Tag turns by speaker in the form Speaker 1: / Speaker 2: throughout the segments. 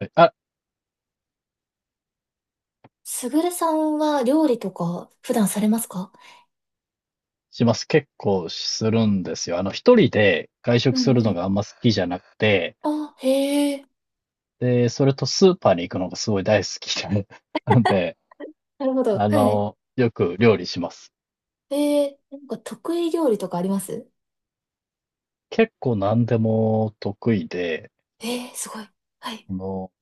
Speaker 1: はい。
Speaker 2: すぐるさんは料理とか普段されますか？
Speaker 1: します。結構するんですよ。一人で外
Speaker 2: う
Speaker 1: 食す
Speaker 2: ん
Speaker 1: る
Speaker 2: う
Speaker 1: の
Speaker 2: ん。
Speaker 1: があんま好きじゃなくて、
Speaker 2: あ、へえ、
Speaker 1: で、それとスーパーに行くのがすごい大好きで、なんで、
Speaker 2: なるほど。はい。
Speaker 1: よく料理します。
Speaker 2: へえ、なんか得意料理とかあります？
Speaker 1: 結構何でも得意で、
Speaker 2: えー、すごい。はい。
Speaker 1: あの、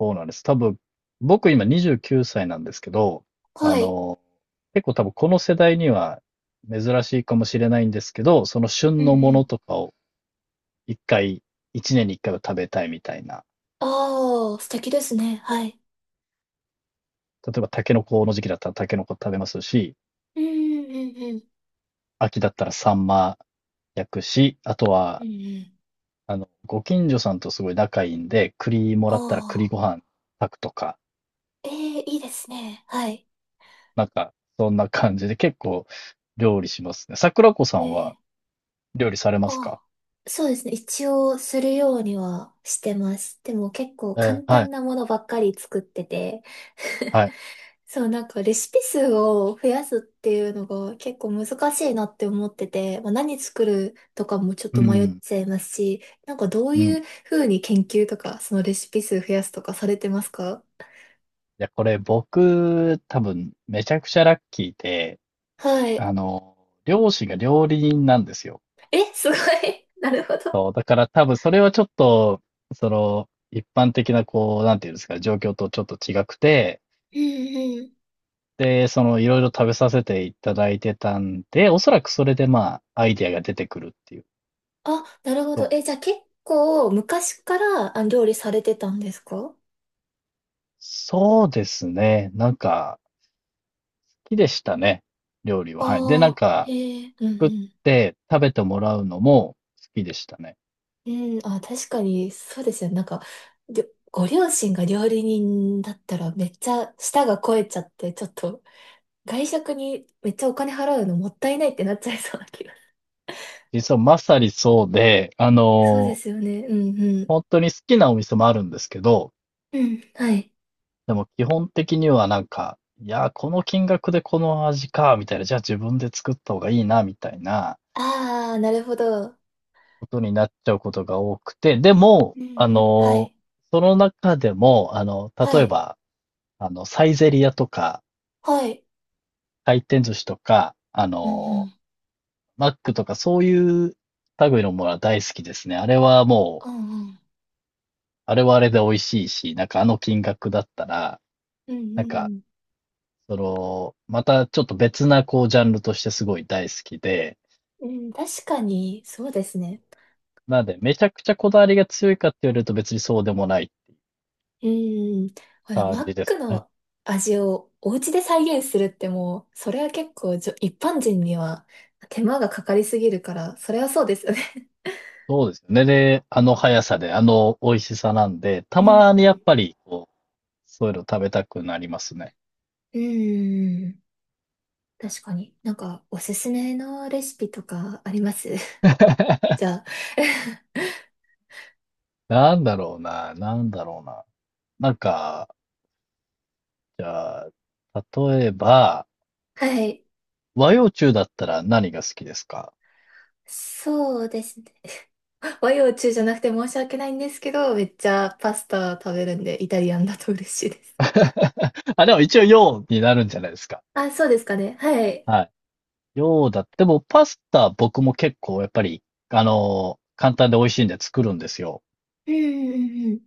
Speaker 1: そうなんです。多分、僕今29歳なんですけど、あ
Speaker 2: はい。
Speaker 1: の、結構多分この世代には珍しいかもしれないんですけど、その
Speaker 2: う
Speaker 1: 旬
Speaker 2: んう
Speaker 1: のもの
Speaker 2: ん。
Speaker 1: とかを一回、一年に一回は食べたいみたいな。
Speaker 2: ああ、素敵ですね。はい。
Speaker 1: 例えばタケノコの時期だったらタケノコ食べますし、
Speaker 2: うんうんうんうん。
Speaker 1: 秋だったらサンマ焼くし、あと
Speaker 2: うん
Speaker 1: は、
Speaker 2: うん。
Speaker 1: ご近所さんとすごい仲いいんで、栗も
Speaker 2: あ
Speaker 1: らったら栗
Speaker 2: あ、
Speaker 1: ご飯炊くとか、
Speaker 2: ええ、いいですね。はい。
Speaker 1: なんか、そんな感じで結構料理しますね。桜子さ
Speaker 2: え
Speaker 1: ん
Speaker 2: ー、
Speaker 1: は料理されますか？
Speaker 2: ああ、そうですね。一応するようにはしてます。でも結構簡
Speaker 1: は
Speaker 2: 単
Speaker 1: い、
Speaker 2: なものばっかり作ってて。
Speaker 1: は い。
Speaker 2: そう、なんかレシピ数を増やすっていうのが結構難しいなって思ってて、まあ、何作るとかもちょっ
Speaker 1: う
Speaker 2: と迷っ
Speaker 1: ん、
Speaker 2: ちゃいますし、なんかどう
Speaker 1: うん。い
Speaker 2: いうふうに研究とか、そのレシピ数増やすとかされてますか？
Speaker 1: や、これ僕、多分、めちゃくちゃラッキーで、
Speaker 2: はい。
Speaker 1: あの、両親が料理人なんですよ。
Speaker 2: え、すごい。なるほど。
Speaker 1: そうだから多分それはちょっと、一般的なこう、なんていうんですか、状況とちょっと違くて、
Speaker 2: うんうん。
Speaker 1: で、いろいろ食べさせていただいてたんで、おそらくそれでまあ、アイディアが出てくるっていう。
Speaker 2: あ、なるほ
Speaker 1: そ
Speaker 2: ど。え、じゃ
Speaker 1: う。
Speaker 2: あ結構昔から料理されてたんですか？
Speaker 1: そうですね。なんか、好きでしたね。料理
Speaker 2: あ
Speaker 1: は。はい。で、なん
Speaker 2: あー、
Speaker 1: か、
Speaker 2: へえ。うん
Speaker 1: 作っ
Speaker 2: うん
Speaker 1: て食べてもらうのも好きでしたね。
Speaker 2: うん、あ、確かに、そうですよね。なんか、りょご両親が料理人だったらめっちゃ舌が肥えちゃって、ちょっと外食にめっちゃお金払うのもったいないってなっちゃいそうな気が。
Speaker 1: 実はまさにそうで、
Speaker 2: そうですよね。うんうん。
Speaker 1: 本当に好きなお店もあるんですけど、
Speaker 2: うん、はい。
Speaker 1: でも基本的にはなんか、いや、この金額でこの味か、みたいな、じゃあ自分で作った方がいいな、みたいな
Speaker 2: ああ、なるほど。
Speaker 1: ことになっちゃうことが多くて、でも、
Speaker 2: うんうん。はい。
Speaker 1: その中でも、
Speaker 2: は
Speaker 1: 例え
Speaker 2: い。
Speaker 1: ば、サイゼリヤとか、
Speaker 2: はい。
Speaker 1: 回転寿司とか、
Speaker 2: うんうん。
Speaker 1: マックとか、そういう類のものは大好きですね。あれはもう、
Speaker 2: うんうん。
Speaker 1: あれはあれで美味しいし、なんかあの金額だったら、
Speaker 2: うんう
Speaker 1: なんか、
Speaker 2: ん
Speaker 1: またちょっと別なこうジャンルとしてすごい大好きで、
Speaker 2: うん。うん、確かに、そうですね。
Speaker 1: なんで、めちゃくちゃこだわりが強いかって言われると別にそうでもない
Speaker 2: うーん。これ、
Speaker 1: 感
Speaker 2: マッ
Speaker 1: じです
Speaker 2: ク
Speaker 1: かね。
Speaker 2: の味をお家で再現するってもう、それは結構一般人には手間がかかりすぎるから、それはそうですよね。
Speaker 1: そうですよね。で、あの速さで、あの美味しさなんで、た
Speaker 2: うん。
Speaker 1: まにやっぱり、こう、そういうの食べたくなりますね。
Speaker 2: うーん、確かに。なんか、おすすめのレシピとかあります？ じゃあ。
Speaker 1: なんだろうな、なんだろうな。なんか、じゃあ、例えば、
Speaker 2: はい。
Speaker 1: 和洋中だったら何が好きですか？
Speaker 2: そうですね。和洋中じゃなくて申し訳ないんですけど、めっちゃパスタ食べるんで、イタリアンだと嬉しいです。
Speaker 1: あ、でも一応洋になるんじゃないですか。
Speaker 2: あ、そうですかね。はい。
Speaker 1: はい。洋だって。でもパスタ僕も結構やっぱり、簡単で美味しいんで作るんですよ。
Speaker 2: うんうんうんうん。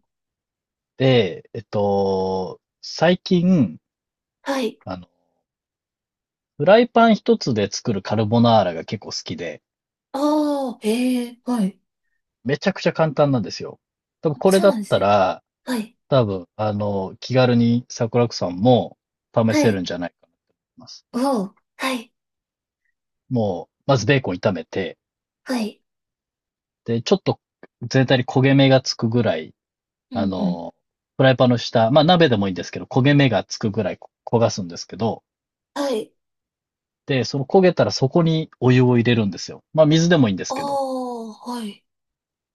Speaker 1: で、最近、
Speaker 2: はい。
Speaker 1: あの、フライパン一つで作るカルボナーラが結構好きで、
Speaker 2: ああ、へえ、はい。
Speaker 1: めちゃくちゃ簡単なんですよ。多分
Speaker 2: あ、
Speaker 1: これ
Speaker 2: そう
Speaker 1: だっ
Speaker 2: なんです
Speaker 1: た
Speaker 2: ね。
Speaker 1: ら、
Speaker 2: はい。
Speaker 1: 多分、気軽に桜子さんも試
Speaker 2: は
Speaker 1: せる
Speaker 2: い。
Speaker 1: んじゃないかなと思います。
Speaker 2: うお、はい。
Speaker 1: もう、まずベーコン炒めて、
Speaker 2: はい。
Speaker 1: で、ちょっと全体に焦げ目がつくぐらい、
Speaker 2: うんう
Speaker 1: あ
Speaker 2: ん。
Speaker 1: の、フライパンの下、まあ鍋でもいいんですけど、焦げ目がつくぐらい焦がすんですけど、
Speaker 2: はい。
Speaker 1: で、その焦げたらそこにお湯を入れるんですよ。まあ水でもいいんです
Speaker 2: あ
Speaker 1: けど。
Speaker 2: あ、はい。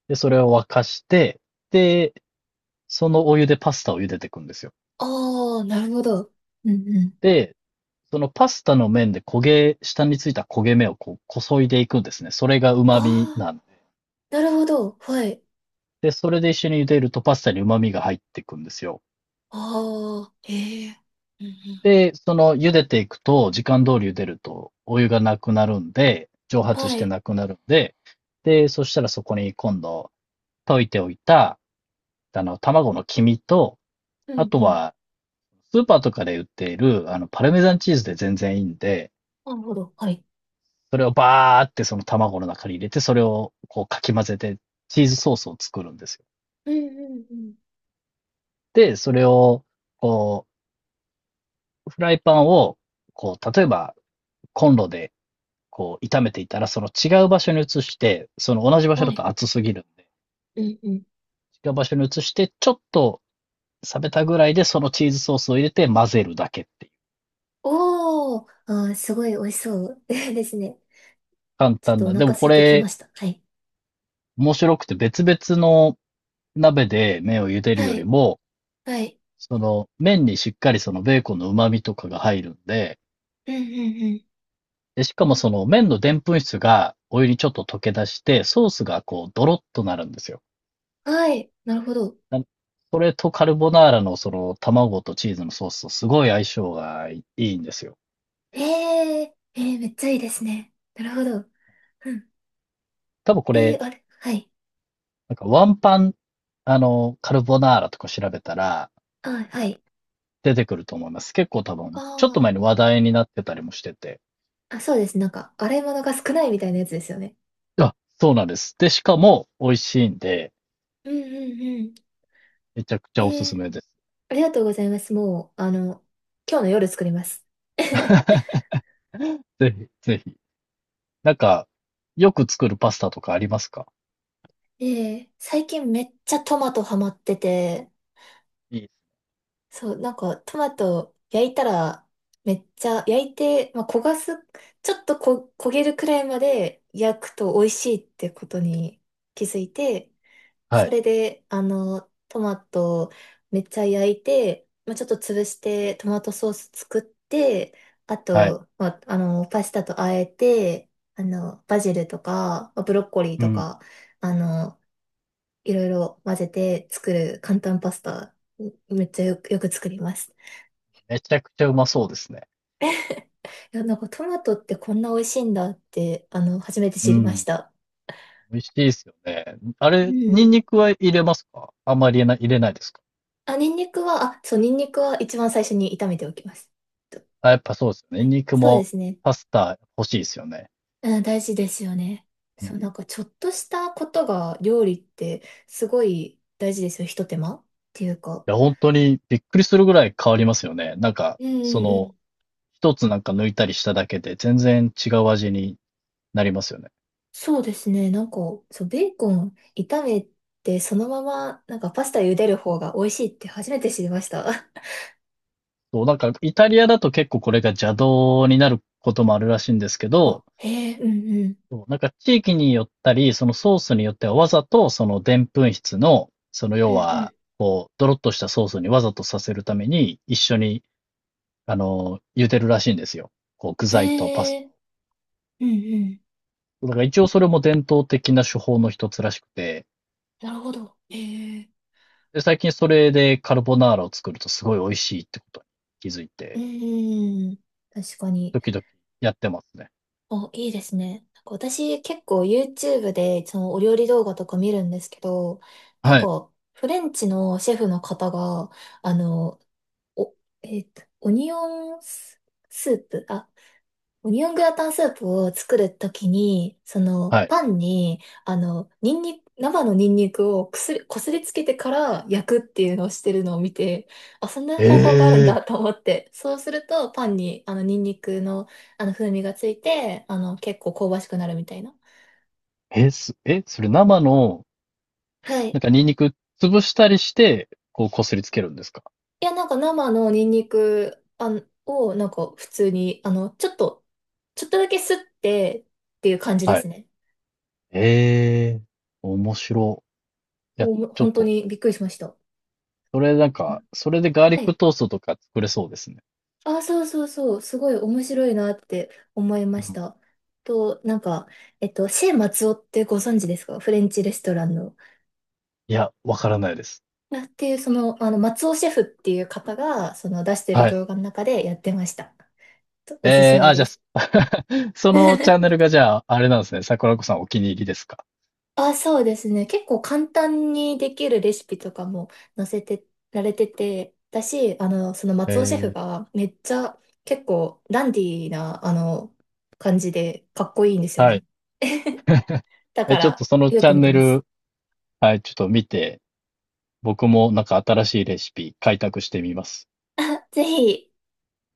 Speaker 1: で、それを沸かして、で、そのお湯でパスタを茹でていくんですよ。
Speaker 2: ああ、なるほど。うんうん。
Speaker 1: で、そのパスタの面で焦げ、下についた焦げ目をこう、こそいでいくんですね。それが
Speaker 2: あ
Speaker 1: 旨味
Speaker 2: あ、
Speaker 1: なんで。
Speaker 2: なるほど。はい。
Speaker 1: で、それで一緒に茹でるとパスタに旨味が入っていくんですよ。
Speaker 2: ああ、へえ。うんう
Speaker 1: で、その茹でていくと、時間通り茹でると、お湯がなくなるんで、蒸
Speaker 2: ん。
Speaker 1: 発し
Speaker 2: は
Speaker 1: て
Speaker 2: い。
Speaker 1: なくなるんで、で、そしたらそこに今度、溶いておいた、卵の黄身と、
Speaker 2: う
Speaker 1: あ
Speaker 2: ん
Speaker 1: と
Speaker 2: うん。
Speaker 1: は、スーパーとかで売っている、パルメザンチーズで全然いいんで、
Speaker 2: なるほど。はい。
Speaker 1: それをバーってその卵の中に入れて、それをこうかき混ぜて、チーズソースを作るんですよ。
Speaker 2: うんうんうん。
Speaker 1: で、それを、こう、フライパンを、こう、例えばコンロでこう炒めていたら、その違う場所に移して、その同じ場所
Speaker 2: は
Speaker 1: だ
Speaker 2: い。
Speaker 1: と熱すぎるんで、
Speaker 2: うんうん。
Speaker 1: 違う場所に移して、ちょっと冷めたぐらいでそのチーズソースを入れて混ぜるだけっていう。
Speaker 2: おー、あー、すごい美味しそう ですね。
Speaker 1: 簡
Speaker 2: ちょっ
Speaker 1: 単
Speaker 2: とお
Speaker 1: な。で
Speaker 2: 腹
Speaker 1: も
Speaker 2: 空
Speaker 1: こ
Speaker 2: いてきま
Speaker 1: れ、
Speaker 2: した。はい。
Speaker 1: 面白くて別々の鍋で麺を茹でる
Speaker 2: は
Speaker 1: より
Speaker 2: い。
Speaker 1: も、
Speaker 2: はい。
Speaker 1: その麺にしっかりそのベーコンの旨味とかが入るんで、
Speaker 2: うんうん
Speaker 1: で、しかもその麺のでんぷん質がお湯にちょっと溶け出して、ソースがこうドロッとなるんですよ。
Speaker 2: うん。はい。なるほど。
Speaker 1: なそれとカルボナーラのその卵とチーズのソースとすごい相性がいいいんですよ。
Speaker 2: えええー、めっちゃいいですね。なるほど。うん。
Speaker 1: 多分こ
Speaker 2: え
Speaker 1: れ、
Speaker 2: ー、あれ、はい。
Speaker 1: なんかワンパン、カルボナーラとか調べたら
Speaker 2: あ、はい。
Speaker 1: 出てくると思います。結構多分、ちょっと
Speaker 2: あ
Speaker 1: 前に話題になってたりもしてて。
Speaker 2: あ。あ、そうです。なんか、洗い物が少ないみたいなやつですよね。
Speaker 1: あ、そうなんです。で、しかも美味しいんで、
Speaker 2: うんうんうん。
Speaker 1: めちゃくち
Speaker 2: え
Speaker 1: ゃおすす
Speaker 2: ー、
Speaker 1: めです。
Speaker 2: ありがとうございます。もう、今日の夜作ります。
Speaker 1: ぜひ、ぜひ。なんか、よく作るパスタとかありますか？
Speaker 2: えー、最近めっちゃトマトハマってて、そう、なんか、トマト焼いたら、めっちゃ焼いて、まあ、焦がす、ちょっと焦げるくらいまで焼くと美味しいってことに気づいて、
Speaker 1: は
Speaker 2: そ
Speaker 1: い、
Speaker 2: れで、トマトをめっちゃ焼いて、まあ、ちょっと潰してトマトソース作って、あ
Speaker 1: はい。
Speaker 2: と、まあ、パスタと和えて、バジルとか、まあブロッコリー
Speaker 1: う
Speaker 2: と
Speaker 1: ん。
Speaker 2: か、あの、いろいろ混ぜて作る簡単パスタ、めっちゃよく作ります。
Speaker 1: めちゃくちゃうまそうですね。
Speaker 2: いや、なんかトマトってこんな美味しいんだって、初めて
Speaker 1: う
Speaker 2: 知りまし
Speaker 1: ん。
Speaker 2: た。
Speaker 1: 美味しいですよね。あ
Speaker 2: う
Speaker 1: れ、ニ
Speaker 2: ん。
Speaker 1: ンニクは入れますか？あんまり入れない、入れないですか？
Speaker 2: あ、ニンニクは、あ、そう、ニンニクは一番最初に炒めておきます。と
Speaker 1: あ、やっぱそうですよ
Speaker 2: は
Speaker 1: ね。ニン
Speaker 2: い、
Speaker 1: ニク
Speaker 2: そうで
Speaker 1: も
Speaker 2: すね。
Speaker 1: パスタ欲しいですよね。
Speaker 2: うん、大事ですよね。
Speaker 1: うん。
Speaker 2: そう、
Speaker 1: い
Speaker 2: なんかちょっとしたことが料理ってすごい大事ですよ。ひと手間っていうか。
Speaker 1: や、本当にびっくりするぐらい変わりますよね。なんか、
Speaker 2: う
Speaker 1: そ
Speaker 2: んうんうん。
Speaker 1: の、一つなんか抜いたりしただけで全然違う味になりますよね。
Speaker 2: そうですね。なんか、そう、ベーコン炒めてそのままなんかパスタ茹でる方が美味しいって初めて知りました。
Speaker 1: そう、なんかイタリアだと結構これが邪道になることもあるらしいんですけ
Speaker 2: あ、
Speaker 1: ど、
Speaker 2: へえ、うんうん。
Speaker 1: そうなんか地域によったり、そのソースによってはわざとそのでんぷん質の、その
Speaker 2: う
Speaker 1: 要
Speaker 2: ん
Speaker 1: は、
Speaker 2: う
Speaker 1: こう、ドロッとしたソースにわざとさせるために一緒に、茹でるらしいんですよ。こう、具
Speaker 2: ん。
Speaker 1: 材とパ
Speaker 2: へ
Speaker 1: スタ
Speaker 2: え、うんうん。
Speaker 1: を。だから一応それも伝統的な手法の一つらしくて、
Speaker 2: なるほど。へえ、
Speaker 1: で、最近それでカルボナーラを作るとすごい美味しいってことに気づい
Speaker 2: うん
Speaker 1: て、
Speaker 2: うん。確かに。
Speaker 1: 時々やってますね。
Speaker 2: お、いいですね。なんか私結構 YouTube でそのお料理動画とか見るんですけど、なん
Speaker 1: はい。
Speaker 2: かフレンチのシェフの方が、あの、お、えっと、オニオンス、スープ、あ、オニオングラタンスープを作るときに、その
Speaker 1: はい。
Speaker 2: パンに、ニンニク、生のニンニクをくすり、こすりつけてから焼くっていうのをしてるのを見て、あ、そんな方法があるん
Speaker 1: え
Speaker 2: だと思って、そうするとパンにあのニンニクのあの風味がついて、結構香ばしくなるみたいな。
Speaker 1: ええ、それ生の、
Speaker 2: はい。
Speaker 1: な
Speaker 2: い
Speaker 1: んかニンニク潰したりして、こう、こすりつけるんですか？
Speaker 2: や、なんか生のニンニクあんをなんか普通に、ちょっとだけすってっていう感じで
Speaker 1: は
Speaker 2: す
Speaker 1: い。
Speaker 2: ね。
Speaker 1: ええ、面白。いや、
Speaker 2: お、
Speaker 1: ちょ
Speaker 2: 本
Speaker 1: っ
Speaker 2: 当
Speaker 1: と、
Speaker 2: にびっくりしました。
Speaker 1: それなん
Speaker 2: うん
Speaker 1: か、それでガーリッ
Speaker 2: はい
Speaker 1: クトーストとか作れそうですね。
Speaker 2: あ、そうそうそう、すごい面白いなって思いま
Speaker 1: う
Speaker 2: し
Speaker 1: ん。
Speaker 2: た。なんか、シェー松尾ってご存知ですか？フレンチレストランの。
Speaker 1: いや、わからないです。
Speaker 2: あっていう、その、松尾シェフっていう方が、その出してる
Speaker 1: はい。
Speaker 2: 動画の中でやってました。とおすす
Speaker 1: え
Speaker 2: め
Speaker 1: じ
Speaker 2: で
Speaker 1: ゃあ、
Speaker 2: す。
Speaker 1: そのチャンネル がじゃあ、あれなんですね。桜子さんお気に入りですか。
Speaker 2: あ、そうですね。結構簡単にできるレシピとかも載せてられてて、だし、その
Speaker 1: え
Speaker 2: 松尾シェフ
Speaker 1: え、
Speaker 2: がめっちゃ結構ダンディーな、感じでかっこいいんですよ
Speaker 1: は
Speaker 2: ね。
Speaker 1: い。
Speaker 2: だか
Speaker 1: え、ちょっ
Speaker 2: ら、
Speaker 1: とその
Speaker 2: よ
Speaker 1: チ
Speaker 2: く
Speaker 1: ャ
Speaker 2: 見
Speaker 1: ン
Speaker 2: て
Speaker 1: ネ
Speaker 2: ます。
Speaker 1: ル、はい、ちょっと見て、僕もなんか新しいレシピ開拓してみます。
Speaker 2: あ、ぜひ、